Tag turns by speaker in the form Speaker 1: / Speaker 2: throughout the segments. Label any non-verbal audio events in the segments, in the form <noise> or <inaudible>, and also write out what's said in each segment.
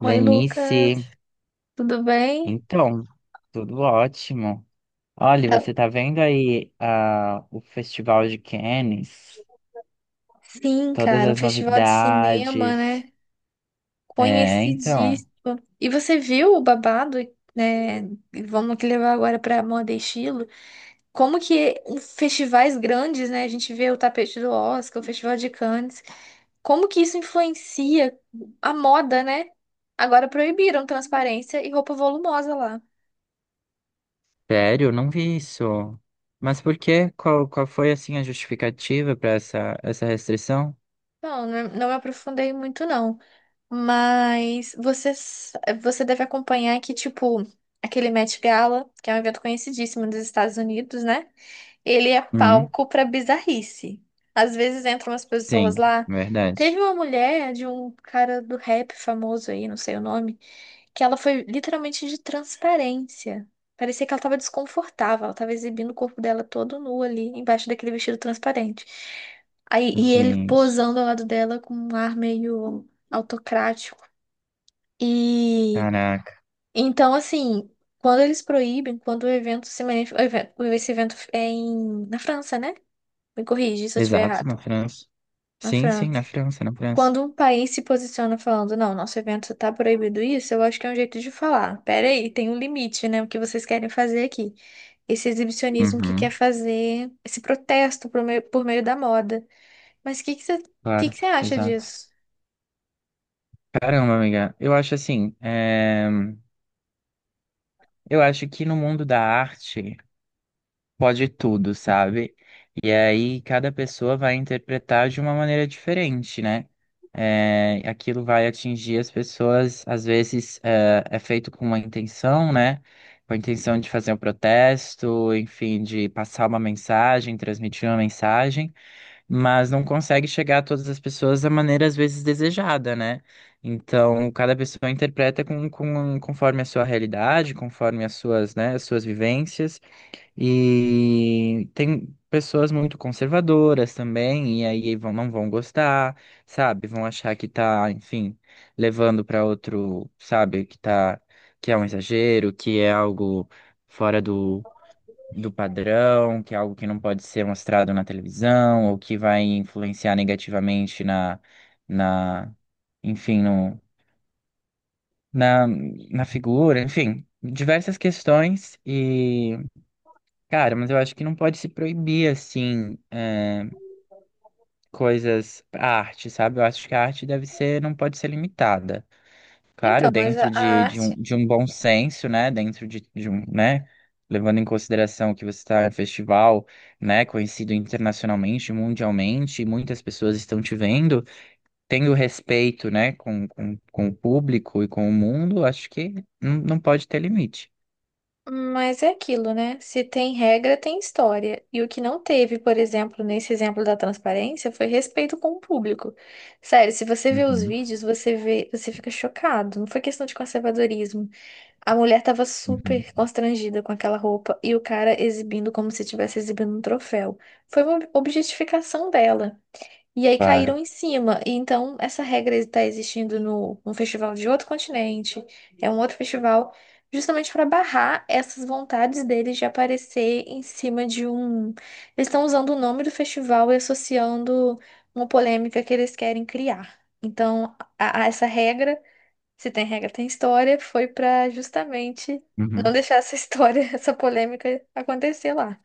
Speaker 1: Oi,
Speaker 2: Lenice,
Speaker 1: Lucas, tudo bem?
Speaker 2: então, tudo ótimo. Olha,
Speaker 1: Tá-
Speaker 2: você tá vendo aí o Festival de Cannes?
Speaker 1: Sim,
Speaker 2: Todas
Speaker 1: cara, um
Speaker 2: as
Speaker 1: festival de cinema,
Speaker 2: novidades.
Speaker 1: né?
Speaker 2: É, então.
Speaker 1: Conhecidíssimo. E você viu o babado, né? E vamos que levar agora para moda e estilo. Como que em festivais grandes, né? A gente vê o tapete do Oscar, o Festival de Cannes. Como que isso influencia a moda, né? Agora proibiram transparência e roupa volumosa lá.
Speaker 2: Sério, não vi isso. Mas por quê? Qual foi, assim, a justificativa para essa restrição?
Speaker 1: Não, não me aprofundei muito, não. Mas você deve acompanhar que, tipo, aquele Met Gala, que é um evento conhecidíssimo dos Estados Unidos, né? Ele é
Speaker 2: Hum,
Speaker 1: palco pra bizarrice. Às vezes entram umas pessoas
Speaker 2: sim,
Speaker 1: lá. Teve
Speaker 2: verdade.
Speaker 1: uma mulher de um cara do rap famoso aí, não sei o nome, que ela foi literalmente de transparência. Parecia que ela tava desconfortável, ela tava exibindo o corpo dela todo nu ali, embaixo daquele vestido transparente. Aí, e ele
Speaker 2: Gente,
Speaker 1: posando ao lado dela com um ar meio autocrático. E
Speaker 2: caraca.
Speaker 1: então, assim, quando eles proíbem, quando o evento se manif... o evento- esse evento é em... na França, né? Me corrige se eu estiver
Speaker 2: Exato,
Speaker 1: errado.
Speaker 2: na França.
Speaker 1: Na
Speaker 2: Sim, sim, na
Speaker 1: França.
Speaker 2: França, na França.
Speaker 1: Quando um país se posiciona falando, não, nosso evento tá proibido isso, eu acho que é um jeito de falar. Pera aí, tem um limite, né? O que vocês querem fazer aqui? Esse exibicionismo que quer
Speaker 2: Uhum,
Speaker 1: fazer esse protesto por meio da moda. Mas o que que você, que
Speaker 2: claro,
Speaker 1: que você acha
Speaker 2: exato.
Speaker 1: disso?
Speaker 2: Caramba, amiga, eu acho assim, eu acho que no mundo da arte pode tudo, sabe? E aí cada pessoa vai interpretar de uma maneira diferente, né? Aquilo vai atingir as pessoas, às vezes é feito com uma intenção, né? Com a intenção de fazer um protesto, enfim, de passar uma mensagem, transmitir uma mensagem, mas não consegue chegar a todas as pessoas da maneira às vezes desejada, né? Então, cada pessoa interpreta conforme a sua realidade, conforme as suas, né, as suas vivências, e tem pessoas muito conservadoras também, e aí vão, não vão gostar, sabe? Vão achar que tá, enfim, levando para outro, sabe, que tá, que é um exagero, que é algo fora do padrão, que é algo que não pode ser mostrado na televisão, ou que vai influenciar negativamente na, enfim, no, na figura, enfim, diversas questões e, cara, mas eu acho que não pode se proibir, assim, é, coisas, a arte, sabe? Eu acho que a arte deve ser, não pode ser limitada. Claro,
Speaker 1: Então, mas a
Speaker 2: dentro
Speaker 1: a arte...
Speaker 2: de um bom senso, né? Dentro né? Levando em consideração que você está em um festival, né? Conhecido internacionalmente, mundialmente, e muitas pessoas estão te vendo, tendo respeito, né? Com o público e com o mundo, acho que não pode ter limite.
Speaker 1: Mas é aquilo, né? Se tem regra, tem história. E o que não teve, por exemplo, nesse exemplo da transparência, foi respeito com o público. Sério, se você vê os
Speaker 2: Uhum,
Speaker 1: vídeos, você vê, você fica chocado. Não foi questão de conservadorismo. A mulher tava super
Speaker 2: uhum.
Speaker 1: constrangida com aquela roupa e o cara exibindo como se estivesse exibindo um troféu. Foi uma objetificação dela. E aí caíram
Speaker 2: Claro.
Speaker 1: em cima. E então essa regra está existindo no festival de outro continente, é um outro festival, justamente para barrar essas vontades deles de aparecer em cima de um. Eles estão usando o nome do festival e associando uma polêmica que eles querem criar. Então, a essa regra, se tem regra, tem história, foi para justamente não
Speaker 2: Uhum.
Speaker 1: deixar essa história, <laughs> essa polêmica acontecer lá.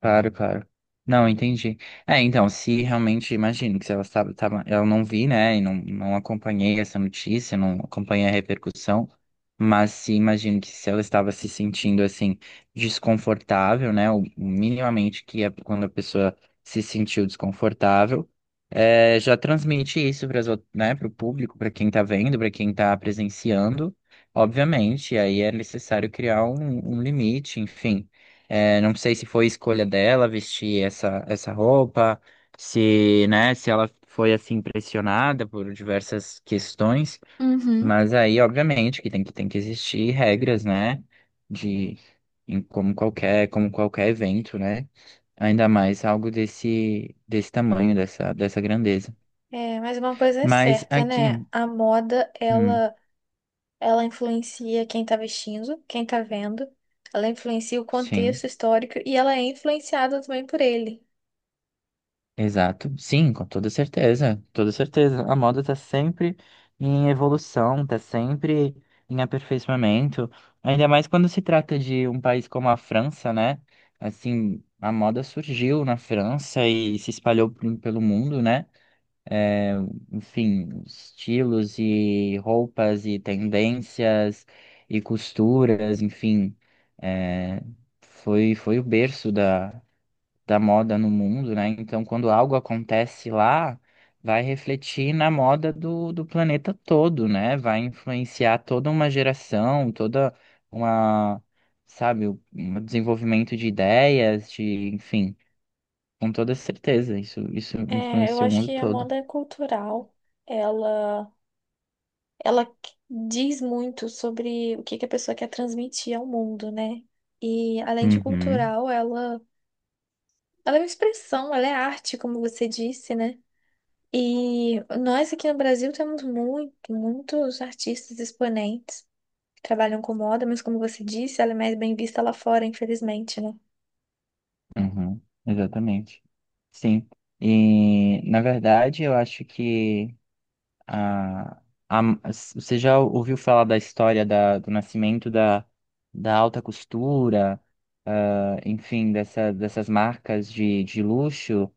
Speaker 2: Claro, claro. Não, entendi. É, então, se realmente, imagino que se ela eu não vi, né, e não acompanhei essa notícia, não acompanhei a repercussão, mas se imagino que se ela estava se sentindo, assim, desconfortável, né, o minimamente que é quando a pessoa se sentiu desconfortável, é, já transmite isso para, né, para o público, para quem tá vendo, para quem tá presenciando, obviamente, aí é necessário criar um limite, enfim. É, não sei se foi escolha dela vestir essa roupa, se, né, se ela foi assim pressionada por diversas questões,
Speaker 1: Uhum.
Speaker 2: mas aí, obviamente, que tem que existir regras, né, de em como qualquer evento, né? Ainda mais algo desse tamanho, dessa grandeza.
Speaker 1: É, mas uma coisa é
Speaker 2: Mas
Speaker 1: certa, né?
Speaker 2: aqui,
Speaker 1: A moda,
Speaker 2: hum,
Speaker 1: ela influencia quem está vestindo, quem está vendo. Ela influencia o
Speaker 2: sim.
Speaker 1: contexto histórico e ela é influenciada também por ele.
Speaker 2: Exato. Sim, com toda certeza. Toda certeza. A moda tá sempre em evolução, tá sempre em aperfeiçoamento. Ainda mais quando se trata de um país como a França, né? Assim, a moda surgiu na França e se espalhou pelo mundo, né? Enfim, estilos e roupas e tendências e costuras, enfim. É, foi o berço da moda no mundo, né? Então, quando algo acontece lá, vai refletir na moda do planeta todo, né? Vai influenciar toda uma geração, toda uma, sabe, um desenvolvimento de ideias, de, enfim, com toda certeza, isso
Speaker 1: É, eu
Speaker 2: influencia o
Speaker 1: acho
Speaker 2: mundo
Speaker 1: que a
Speaker 2: todo.
Speaker 1: moda é cultural. Ela, ela qu- Diz muito sobre o que que a pessoa quer transmitir ao mundo, né? E além de
Speaker 2: Uhum,
Speaker 1: cultural, ela é uma expressão, ela é arte, como você disse, né? E nós aqui no Brasil temos muitos artistas exponentes. Trabalham com moda, mas como você disse, ela é mais bem vista lá fora, infelizmente, né?
Speaker 2: uhum, exatamente. Sim. E, na verdade, eu acho que Ah, a- você já ouviu falar da história da, do nascimento da alta costura, ah, enfim, dessas marcas de luxo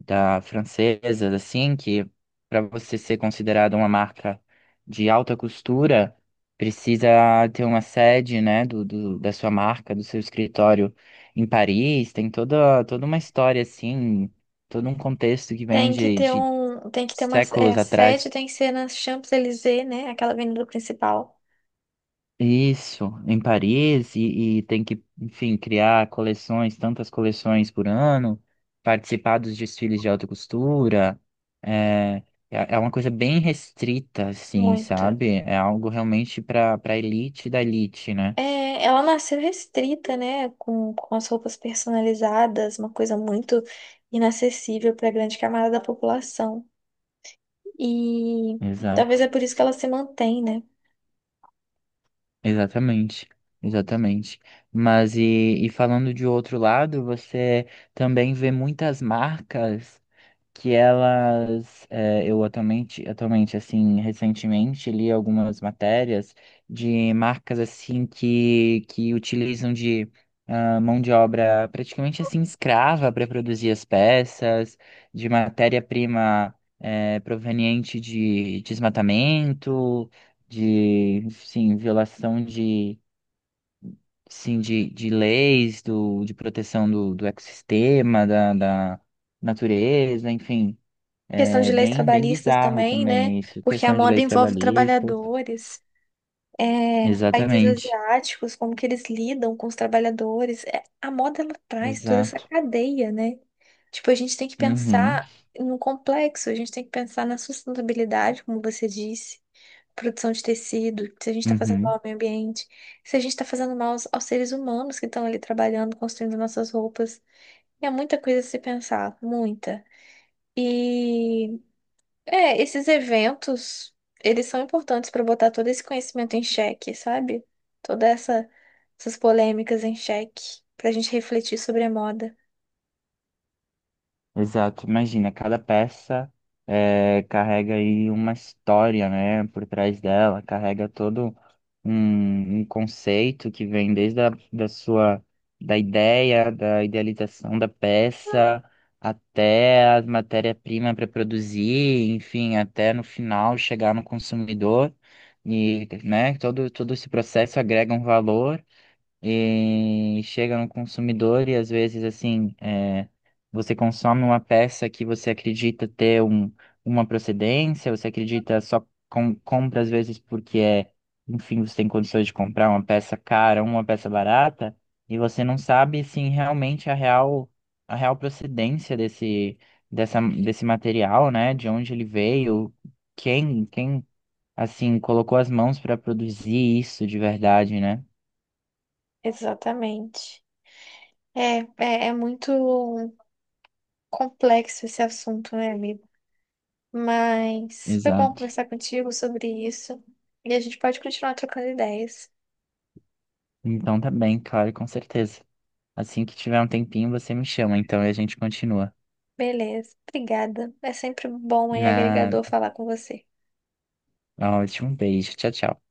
Speaker 2: da francesas, assim, que para você ser considerada uma marca de alta costura, precisa ter uma sede, né, da sua marca, do seu escritório em Paris, tem toda, toda uma história, assim, todo um contexto que vem
Speaker 1: Tem que ter
Speaker 2: de
Speaker 1: um, tem que ter uma, é,
Speaker 2: séculos
Speaker 1: A
Speaker 2: atrás.
Speaker 1: sede tem que ser na Champs-Élysées, né? Aquela avenida principal.
Speaker 2: Isso, em Paris, e tem que, enfim, criar coleções, tantas coleções por ano, participar dos desfiles de alta costura. É, é uma coisa bem restrita, assim,
Speaker 1: Muito.
Speaker 2: sabe? É algo realmente para elite da elite, né?
Speaker 1: É, ela nasceu restrita, né? Com as roupas personalizadas, uma coisa muito inacessível para a grande camada da população. E talvez é
Speaker 2: Exato,
Speaker 1: por isso que ela se mantém, né?
Speaker 2: exatamente, exatamente. Mas e falando de outro lado, você também vê muitas marcas. Que elas, eh, eu atualmente, assim, recentemente li algumas matérias de marcas, assim, que utilizam de mão de obra praticamente, assim, escrava para produzir as peças, de matéria-prima, proveniente de desmatamento, de, sim, violação de... Sim, de leis de proteção do ecossistema, da natureza, enfim.
Speaker 1: Questão
Speaker 2: É
Speaker 1: de leis
Speaker 2: bem
Speaker 1: trabalhistas
Speaker 2: bizarro
Speaker 1: também, né?
Speaker 2: também isso,
Speaker 1: Porque a
Speaker 2: questão de
Speaker 1: moda
Speaker 2: leis
Speaker 1: envolve
Speaker 2: trabalhistas.
Speaker 1: trabalhadores. É, países
Speaker 2: Exatamente.
Speaker 1: asiáticos, como que eles lidam com os trabalhadores. É, a moda, ela traz toda essa
Speaker 2: Exato.
Speaker 1: cadeia, né? Tipo, a gente tem que
Speaker 2: Uhum.
Speaker 1: pensar no complexo, a gente tem que pensar na sustentabilidade, como você disse, produção de tecido, se a gente está fazendo mal
Speaker 2: Uhum.
Speaker 1: ao meio ambiente, se a gente está fazendo mal aos, aos seres humanos que estão ali trabalhando, construindo nossas roupas. É muita coisa a se pensar, muita. E é, esses eventos, eles são importantes para botar todo esse conhecimento em xeque, sabe? Toda essa, essas polêmicas em xeque, pra gente refletir sobre a moda.
Speaker 2: Exato, imagina, cada peça, carrega aí uma história, né, por trás dela, carrega todo um, um conceito que vem desde a da sua, da ideia, da idealização da peça, até a matéria-prima para produzir, enfim, até no final chegar no consumidor, e, né, todo, todo esse processo agrega um valor e chega no consumidor e às vezes assim é, você consome uma peça que você acredita ter um, uma procedência, você acredita só compra às vezes porque é, enfim, você tem condições de comprar uma peça cara, uma peça barata, e você não sabe assim realmente a real procedência desse desse material, né? De onde ele veio, quem assim colocou as mãos para produzir isso de verdade, né?
Speaker 1: Exatamente. É muito complexo esse assunto, né, amigo? Mas foi bom
Speaker 2: Exato.
Speaker 1: conversar contigo sobre isso. E a gente pode continuar trocando ideias.
Speaker 2: Então tá bem, claro, com certeza. Assim que tiver um tempinho, você me chama, então, e a gente continua.
Speaker 1: Beleza. Obrigada. É sempre bom e
Speaker 2: Nada.
Speaker 1: agregador falar com você.
Speaker 2: Ótimo, um beijo. Tchau, tchau.